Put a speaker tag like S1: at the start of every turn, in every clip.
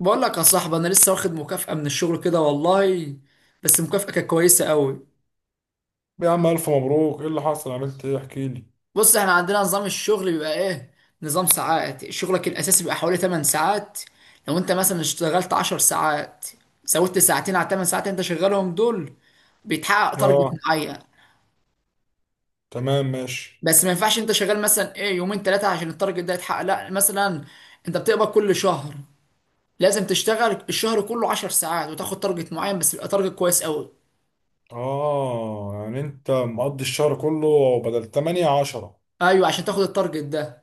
S1: بقول لك يا صاحبي، انا لسه واخد مكافأة من الشغل كده والله. بس المكافأة كانت كويسة قوي.
S2: يا عم، ألف مبروك! إيه اللي حصل؟ عملت إيه؟ احكي لي.
S1: بص، احنا عندنا نظام الشغل بيبقى ايه، نظام ساعات شغلك الاساسي بيبقى حوالي 8 ساعات. لو انت مثلا اشتغلت 10 ساعات، زودت ساعتين على 8 ساعات انت شغالهم دول، بيتحقق تارجت
S2: آه.
S1: معين.
S2: تمام، ماشي.
S1: بس ما ينفعش انت شغال مثلا ايه يومين ثلاثة عشان التارجت ده يتحقق، لا مثلا انت بتقبض كل شهر، لازم تشتغل الشهر كله 10 ساعات وتاخد تارجت معين بس، يبقى تارجت كويس قوي.
S2: آه، يعني أنت مقضي الشهر كله بدل 8 10؟
S1: ايوه عشان تاخد التارجت ده.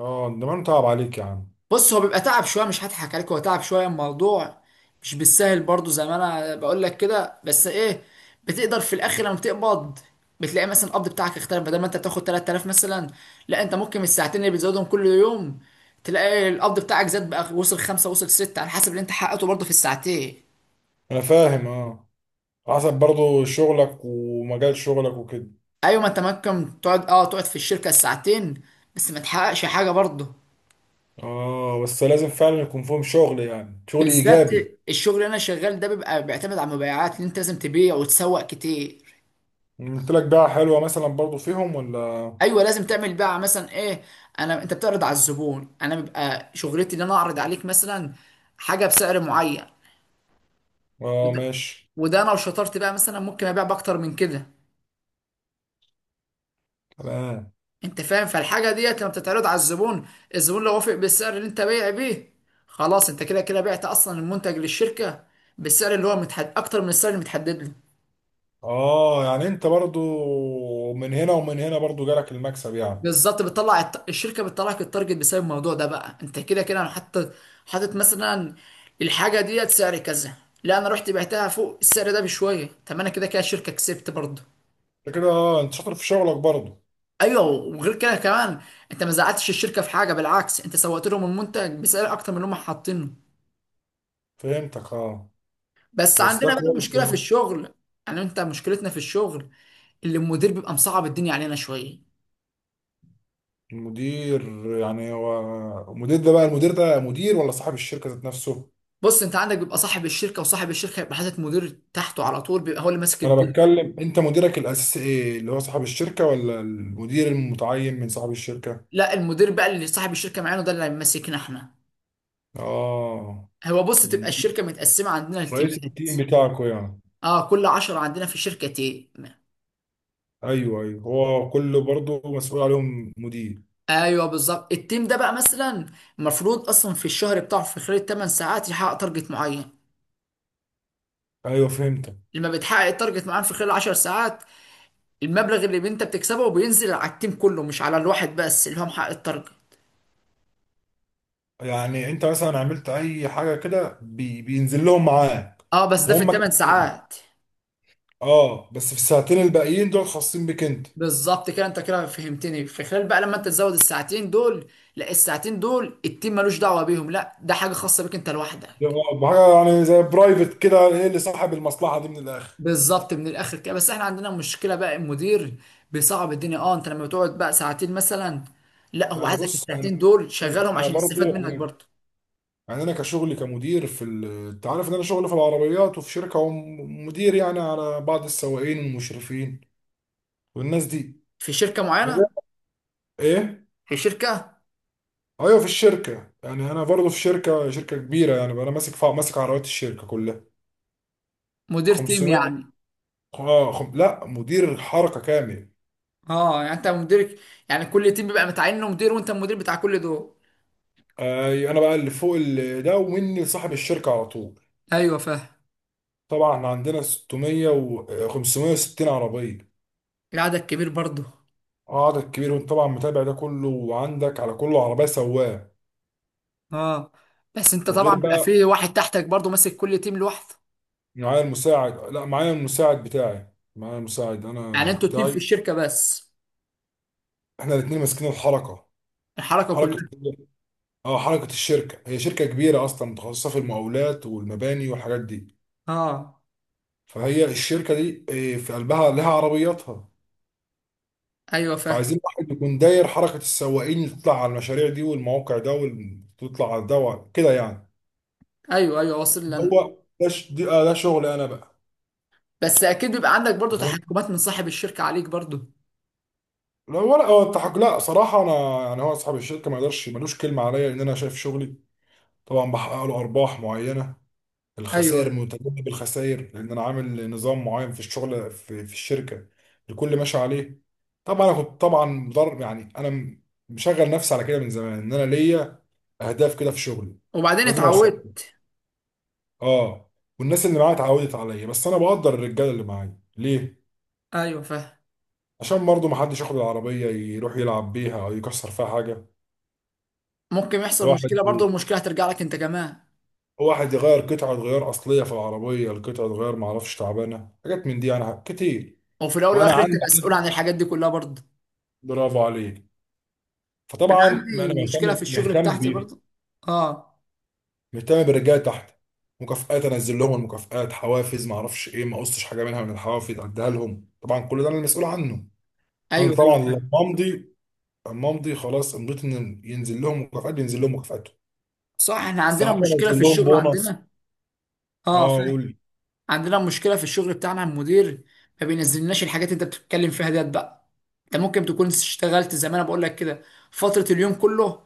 S2: آه، ده ما أنا متعب عليك يا عم.
S1: بص هو بيبقى تعب شويه، مش هضحك عليك، هو تعب شويه الموضوع. مش بالسهل برضو زي ما انا بقول لك كده، بس ايه، بتقدر في الاخر لما بتقبض بتلاقي مثلا القبض بتاعك اختلف. بدل ما انت بتاخد 3,000 مثلا، لا انت ممكن الساعتين اللي بتزودهم كل يوم تلاقي القبض بتاعك زاد، بقى وصل خمسة وصل ستة على حسب اللي انت حققته برضه في الساعتين.
S2: أنا فاهم، آه. حسب برضو شغلك ومجال شغلك وكده.
S1: ايوه، ما انت ممكن تقعد في الشركه الساعتين بس ما تحققش حاجه برضه.
S2: آه، بس لازم فعلا يكون فيهم شغل، يعني شغل
S1: بالذات
S2: إيجابي.
S1: الشغل اللي انا شغال ده بيبقى بيعتمد على المبيعات، اللي انت لازم تبيع وتسوق كتير.
S2: قلت لك بقى، حلوة مثلا برضو فيهم ولا؟
S1: ايوه لازم تعمل بقى مثلا ايه. انت بتعرض على الزبون، انا بيبقى شغلتي ان انا اعرض عليك مثلا حاجه بسعر معين.
S2: آه
S1: وده,
S2: ماشي.
S1: وده، انا لو شطرت بقى مثلا ممكن ابيع باكتر من كده.
S2: تمام.
S1: انت فاهم؟ فالحاجه ديت لما بتتعرض على الزبون، الزبون لو وافق بالسعر اللي انت بايع بيه، خلاص انت كده كده بعت اصلا المنتج للشركه بالسعر اللي هو متحد اكتر من السعر اللي متحدد له.
S2: آه يعني أنت برضو من هنا ومن هنا برضو جالك المكسب يعني.
S1: بالظبط، الشركه بتطلع لك التارجت بسبب الموضوع ده. بقى انت كده كده انا حاطط مثلا الحاجه ديت سعر كذا، لا انا رحت بعتها فوق السعر ده بشويه. طب انا كده كده الشركه كسبت برضه.
S2: انت كده اه انت شاطر في شغلك برضه.
S1: ايوه وغير كده كمان، انت ما زعلتش الشركه في حاجه، بالعكس انت سوقت لهم المنتج بسعر اكتر من اللي هم حاطينه.
S2: فهمتك، اه.
S1: بس
S2: بس ده
S1: عندنا بقى
S2: كويس
S1: مشكله في
S2: والله.
S1: الشغل. يعني انت مشكلتنا في الشغل اللي المدير بيبقى مصعب الدنيا علينا شويه.
S2: المدير؟ يعني هو المدير ده بقى، المدير ده مدير ولا صاحب الشركة ذات نفسه؟
S1: بص، انت عندك بيبقى صاحب الشركه، وصاحب الشركه يبقى حاطط مدير تحته على طول بيبقى هو اللي ماسك
S2: انا
S1: الدنيا.
S2: بتكلم، انت مديرك الاساسي ايه؟ اللي هو صاحب الشركة ولا المدير المتعين من صاحب الشركة؟
S1: لا المدير بقى اللي صاحب الشركه معانا ده اللي هيمسكنا احنا.
S2: اه.
S1: هو بص، تبقى الشركه متقسمه عندنا
S2: رئيس
S1: التيمات.
S2: التيم بتاعكوا يعني.
S1: اه، كل عشرة عندنا في الشركه تيم.
S2: ايوه، ايوه، هو كله برضه مسؤول عليهم مدير.
S1: ايوه بالظبط، التيم ده بقى مثلا المفروض اصلا في الشهر بتاعه في خلال 8 ساعات يحقق تارجت معين.
S2: ايوه فهمتك.
S1: لما بتحقق التارجت معين في خلال 10 ساعات، المبلغ اللي انت بتكسبه بينزل على التيم كله مش على الواحد بس اللي هو محقق التارجت.
S2: يعني انت مثلا عملت اي حاجة كده بينزل لهم معاك.
S1: اه بس ده في
S2: وهم
S1: الثمان
S2: كسلان.
S1: ساعات.
S2: اه بس في الساعتين الباقيين دول خاصين بيك انت.
S1: بالظبط كده، انت كده فهمتني. في خلال بقى لما انت تزود الساعتين دول، لا الساعتين دول التيم ملوش دعوه بيهم، لا ده حاجه خاصه بيك انت لوحدك.
S2: ده بحاجه يعني زي برايفت كده، هي اللي صاحب المصلحه دي من الاخر.
S1: بالظبط من الاخر كده. بس احنا عندنا مشكله بقى، المدير بيصعب الدنيا. اه انت لما بتقعد بقى ساعتين مثلا، لا هو
S2: يعني
S1: عايزك
S2: بص انا
S1: الساعتين دول شغالهم
S2: انا
S1: عشان يستفاد
S2: برضو.
S1: منك
S2: انا
S1: برضه.
S2: يعني انا كشغلي كمدير انت عارف ان انا شغلي في العربيات وفي شركه، ومدير يعني على بعض السواقين والمشرفين والناس دي.
S1: في شركه
S2: انا
S1: معينه.
S2: ده- ايه،
S1: في شركه.
S2: ايوه في الشركه، يعني انا برضو في شركه كبيره يعني، بقى انا ماسك ماسك عربيات الشركه كلها.
S1: مدير تيم
S2: 500.
S1: يعني.
S2: اه لا، مدير حركه كامل.
S1: اه، يعني انت مديرك، يعني كل تيم بيبقى متعين له مدير وانت المدير بتاع كل دول.
S2: اي انا بقى اللي فوق ده، ومني لصاحب الشركه على طول.
S1: ايوه فاهم.
S2: طبعا عندنا 600 و 560 عربيه.
S1: العدد كبير برضه.
S2: عدد كبير، وانت طبعا متابع ده كله، وعندك على كله عربيه سواق.
S1: اه بس انت طبعا
S2: وغير
S1: بيبقى
S2: بقى،
S1: في واحد تحتك برضه ماسك كل تيم لوحده.
S2: معايا المساعد لا معايا المساعد
S1: يعني
S2: انا
S1: انتوا اتنين في
S2: بتاعي.
S1: الشركه بس.
S2: احنا الاثنين ماسكين الحركه.
S1: الحركه
S2: حركه.
S1: كلها.
S2: اه الشركه، هي شركه كبيره اصلا، متخصصه في المقاولات والمباني والحاجات دي.
S1: اه.
S2: فهي الشركه دي في قلبها لها عربياتها.
S1: ايوه فاهم.
S2: فعايزين واحد يكون داير حركة السواقين اللي تطلع على المشاريع دي والمواقع ده، وتطلع على ده كده يعني.
S1: ايوه ايوه، واصل لنا.
S2: هو ده ش... دي... آه ده شغل انا بقى.
S1: بس اكيد بيبقى عندك برضه
S2: انت فاهم.
S1: تحكمات من صاحب الشركه عليك برضه.
S2: لا، ولا هو التحق، لا صراحة انا يعني، هو اصحاب الشركة ما يقدرش، ملوش كلمة عليا، لان انا شايف شغلي. طبعا بحقق له ارباح معينة، الخسائر
S1: ايوه.
S2: متجنب الخسائر، لان انا عامل نظام معين في الشغل في الشركة. الكل ماشي عليه. طبعا انا كنت طبعا مضر، يعني انا مشغل نفسي على كده من زمان، ان انا ليا اهداف كده في شغلي.
S1: وبعدين
S2: لازم اوصل.
S1: اتعودت.
S2: اه. والناس اللي معايا اتعودت عليا، بس انا بقدر الرجاله اللي معايا ليه.
S1: ايوه فاهم.
S2: عشان برضه ما حدش ياخد العربيه يروح يلعب بيها او يكسر فيها حاجه.
S1: ممكن يحصل
S2: واحد
S1: مشكله برضه، المشكله هترجع لك انت كمان.
S2: واحد يغير قطعه غيار اصليه في العربيه، القطعه غيار ما اعرفش تعبانه، حاجات من دي انا كتير.
S1: وفي الاول
S2: وانا
S1: والاخر انت
S2: عندي.
S1: مسؤول عن الحاجات دي كلها برضه.
S2: برافو عليك. فطبعا ما
S1: عندي
S2: انا
S1: مشكله في
S2: مهتم
S1: الشغل
S2: مهتم
S1: بتاعتي
S2: بيهم.
S1: برضه. اه.
S2: مهتم بالرجاله تحت. مكافآت، انزل لهم المكافآت، حوافز، ما اعرفش ايه، ما قصتش حاجه منها من الحوافز، اديها لهم، طبعا كل ده انا المسؤول عنه. انا
S1: ايوه ايوه
S2: طبعا لما
S1: فاهم.
S2: امضي، اما امضي خلاص امضيت، ان ينزل لهم مكافآت، بينزل لهم مكافآتهم.
S1: صح، احنا عندنا
S2: ساعات
S1: مشكله في
S2: انزل لهم
S1: الشغل
S2: بونص.
S1: عندنا. اه
S2: اه
S1: فاهم.
S2: قول.
S1: عندنا مشكله في الشغل بتاعنا، المدير ما بينزلناش الحاجات اللي انت بتتكلم فيها ديت بقى. انت ممكن تكون اشتغلت زي ما انا بقول لك كده فتره، اليوم كله،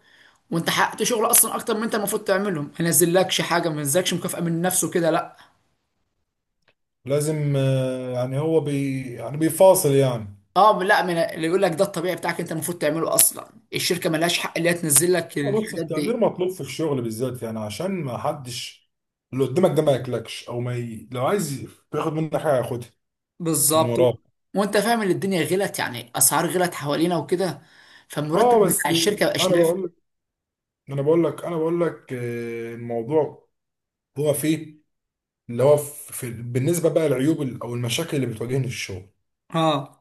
S1: وانت حققت شغل اصلا اكتر من انت المفروض تعمله، ما ينزلكش حاجه، ما ينزلكش مكافاه من نفسه كده، لا.
S2: لازم يعني هو يعني بيفاصل يعني.
S1: اه لا، من اللي يقول لك ده؟ الطبيعي بتاعك انت المفروض تعمله اصلا، الشركه ملهاش حق اللي هي تنزل لك
S2: بس
S1: الحاجات دي.
S2: التقدير مطلوب في الشغل بالذات، يعني عشان ما حدش، اللي قدامك ده ما ياكلكش، او ما ي... لو عايز ياخد منك حاجه ياخدها من
S1: بالظبط.
S2: وراك.
S1: وانت فاهم ان الدنيا غلت، يعني اسعار غلت حوالينا وكده، فالمرتب
S2: اه بس.
S1: بتاع الشركه مبقاش
S2: انا
S1: نافع.
S2: بقول لك انا بقول لك انا بقول لك الموضوع هو فيه، اللي هو في... في... بالنسبه بقى للعيوب، او المشاكل اللي بتواجهني في الشغل.
S1: اه.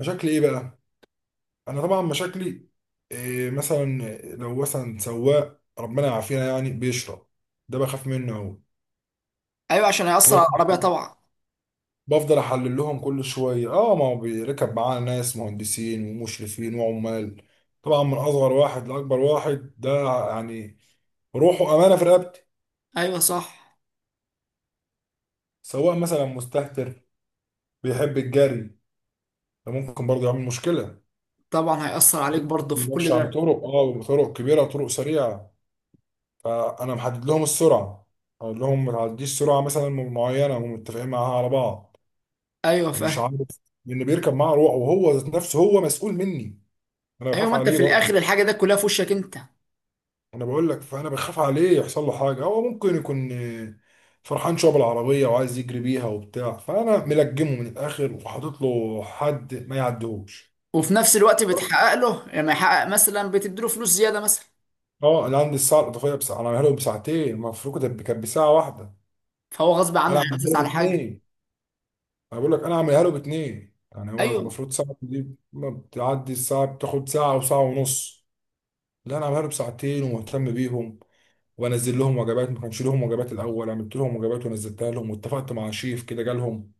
S2: مشاكل ايه بقى؟ انا طبعا مشاكلي إيه مثلا؟ لو مثلا سواق ربنا يعافينا يعني بيشرب، ده بخاف منه اهو.
S1: ايوه عشان هيأثر على
S2: فبف-
S1: العربيه طبعا.
S2: بفضل احلل لهم كل شويه. اه، ما هو بيركب معانا ناس مهندسين ومشرفين وعمال، طبعا من اصغر واحد لاكبر واحد ده، يعني روحه امانه في رقبتي.
S1: ايوه صح.
S2: سواق مثلا مستهتر، بيحب الجري، ده ممكن برضه يعمل مشكله.
S1: طبعا هيأثر عليك برضه في كل
S2: بيمشي على
S1: ده.
S2: طرق، طرق كبيره، طرق سريعه. فانا محدد لهم السرعه، اقول لهم ما تعديش سرعه مثلا معينه، ومتفقين معاها على بعض،
S1: ايوه
S2: يعني مش
S1: فاهم.
S2: عارف، لان بيركب معاه روح، وهو ذات نفسه هو مسؤول مني، انا
S1: ايوه
S2: بخاف
S1: ما انت
S2: عليه
S1: في
S2: برضه.
S1: الاخر الحاجه ده كلها في وشك انت.
S2: انا بقول لك، فانا بخاف عليه يحصل له حاجه، هو ممكن يكون فرحان شويه بالعربيه وعايز يجري بيها وبتاع، فانا ملجمه من الاخر وحاطط له حد ما يعديهوش.
S1: وفي نفس الوقت بتحقق له، لما يحقق مثلا بتديله فلوس زياده مثلا،
S2: اه، انا عندي الساعه الاضافيه بساعه، انا عاملها له بساعتين، المفروض كانت بساعه واحده،
S1: فهو غصب
S2: انا
S1: عنه
S2: عاملها
S1: هيحافظ
S2: له
S1: على حاجه.
S2: باتنين. انا بقول لك، انا عاملها له باتنين، يعني هو
S1: ايوه.
S2: المفروض ساعه دي، ما بتعدي الساعه، بتاخد ساعه وساعه ونص، لا انا عاملها له بساعتين ومهتم بيهم. وبنزل لهم وجبات، ما كانش لهم وجبات الاول، عملت لهم وجبات ونزلتها لهم، واتفقت مع شيف كده جالهم،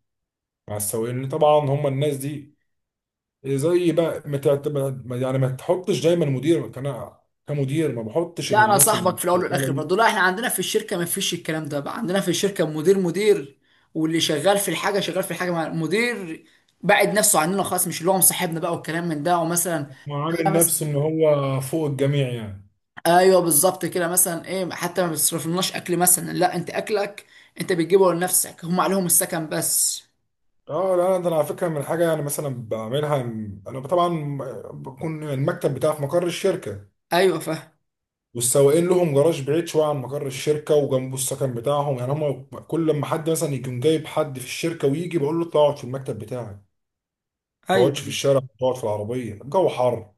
S2: مع السواقين طبعا هم الناس دي. زي بقى ما تعت- ما- يعني ما تحطش دايما، مدير كان، كمدير ما بحطش ان
S1: لا انا
S2: الناس اللي
S1: صاحبك في الاول
S2: شغاله
S1: والاخر
S2: دي،
S1: برضه. لا احنا عندنا في الشركه ما فيش الكلام ده. بقى عندنا في الشركه مدير مدير، واللي شغال في الحاجه شغال في الحاجه مع المدير، بعد نفسه عننا خالص، مش اللي هو مصاحبنا بقى والكلام من ده ومثلا.
S2: هو عامل نفسه ان هو فوق الجميع يعني.
S1: ايوه بالظبط كده. مثلا ايه، حتى ما بتصرفلناش اكل مثلا، لا انت اكلك انت بتجيبه لنفسك، هم عليهم السكن بس.
S2: اه لا، ده انا على فكره من حاجه يعني مثلا بعملها، انا طبعا بكون المكتب بتاعي في مقر الشركه،
S1: ايوه فاهم.
S2: والسواقين لهم جراج بعيد شويه عن مقر الشركه، وجنبه السكن بتاعهم، يعني هم كل لما حد مثلا يكون جايب حد في الشركه ويجي، بقول له اطلع اقعد في المكتب بتاعي، ما
S1: ايوه
S2: تقعدش في
S1: أيوة.
S2: الشارع، ما تقعد في العربيه، الجو حر،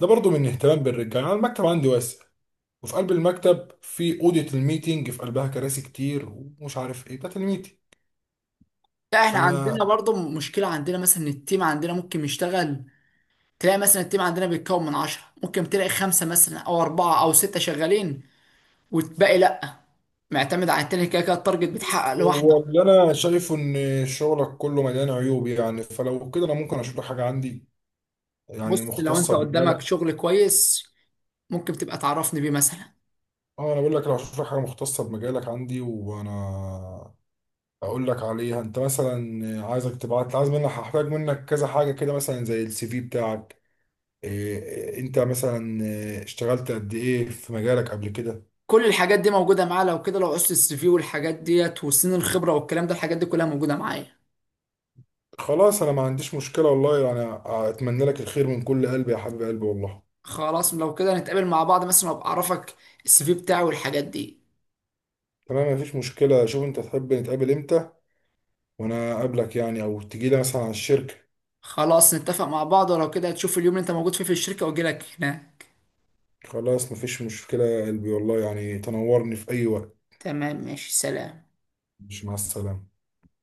S2: ده برضو من اهتمام بالرجاله. يعني المكتب عندي واسع، وفي قلب المكتب في اوضه الميتينج، في قلبها كراسي كتير، ومش عارف ايه، بتاعت الميتينج
S1: لا
S2: ف
S1: احنا عندنا برضه مشكله عندنا مثلا، إن التيم عندنا ممكن يشتغل، تلاقي مثلا التيم عندنا بيتكون من عشرة، ممكن تلاقي خمسه مثلا او اربعه او سته شغالين والباقي لا، معتمد على التاني، كده كده التارجت
S2: بص،
S1: بيتحقق لوحده.
S2: هو اللي انا شايفه ان شغلك كله مليان عيوب، يعني فلو كده، انا ممكن اشوف لك حاجه عندي يعني
S1: بص لو
S2: مختصه
S1: انت
S2: بمجالك.
S1: قدامك شغل كويس، ممكن تبقى تعرفني بيه مثلا.
S2: اه انا بقول لك، لو اشوف لك حاجه مختصه بمجالك عندي، وانا اقول لك عليها، انت مثلا عايزك تبعت، عايز منك، هحتاج منك كذا حاجه كده مثلا، زي السي في بتاعك، إيه انت مثلا، اشتغلت قد ايه في مجالك قبل كده.
S1: كل الحاجات دي موجوده معاه. لو كده، لو قصه الـCV والحاجات ديت وسن الخبره والكلام ده، الحاجات دي كلها موجوده معايا.
S2: خلاص، انا ما عنديش مشكله والله يعني، اتمنى لك الخير من كل قلبي يا حبيب قلبي والله.
S1: خلاص لو كده نتقابل مع بعض مثلا، وابقى اعرفك الـCV بتاعي والحاجات دي.
S2: تمام، مفيش مشكله، شوف انت تحب نتقابل امتى، وانا اقابلك، يعني او تجي لي مثلا على الشركة.
S1: خلاص نتفق مع بعض، ولو كده هتشوف اليوم اللي انت موجود فيه في الشركه واجي لك هناك.
S2: خلاص مفيش مشكلة يا قلبي والله، يعني تنورني في اي وقت.
S1: تمام ماشي، سلام.
S2: مش، مع السلامة.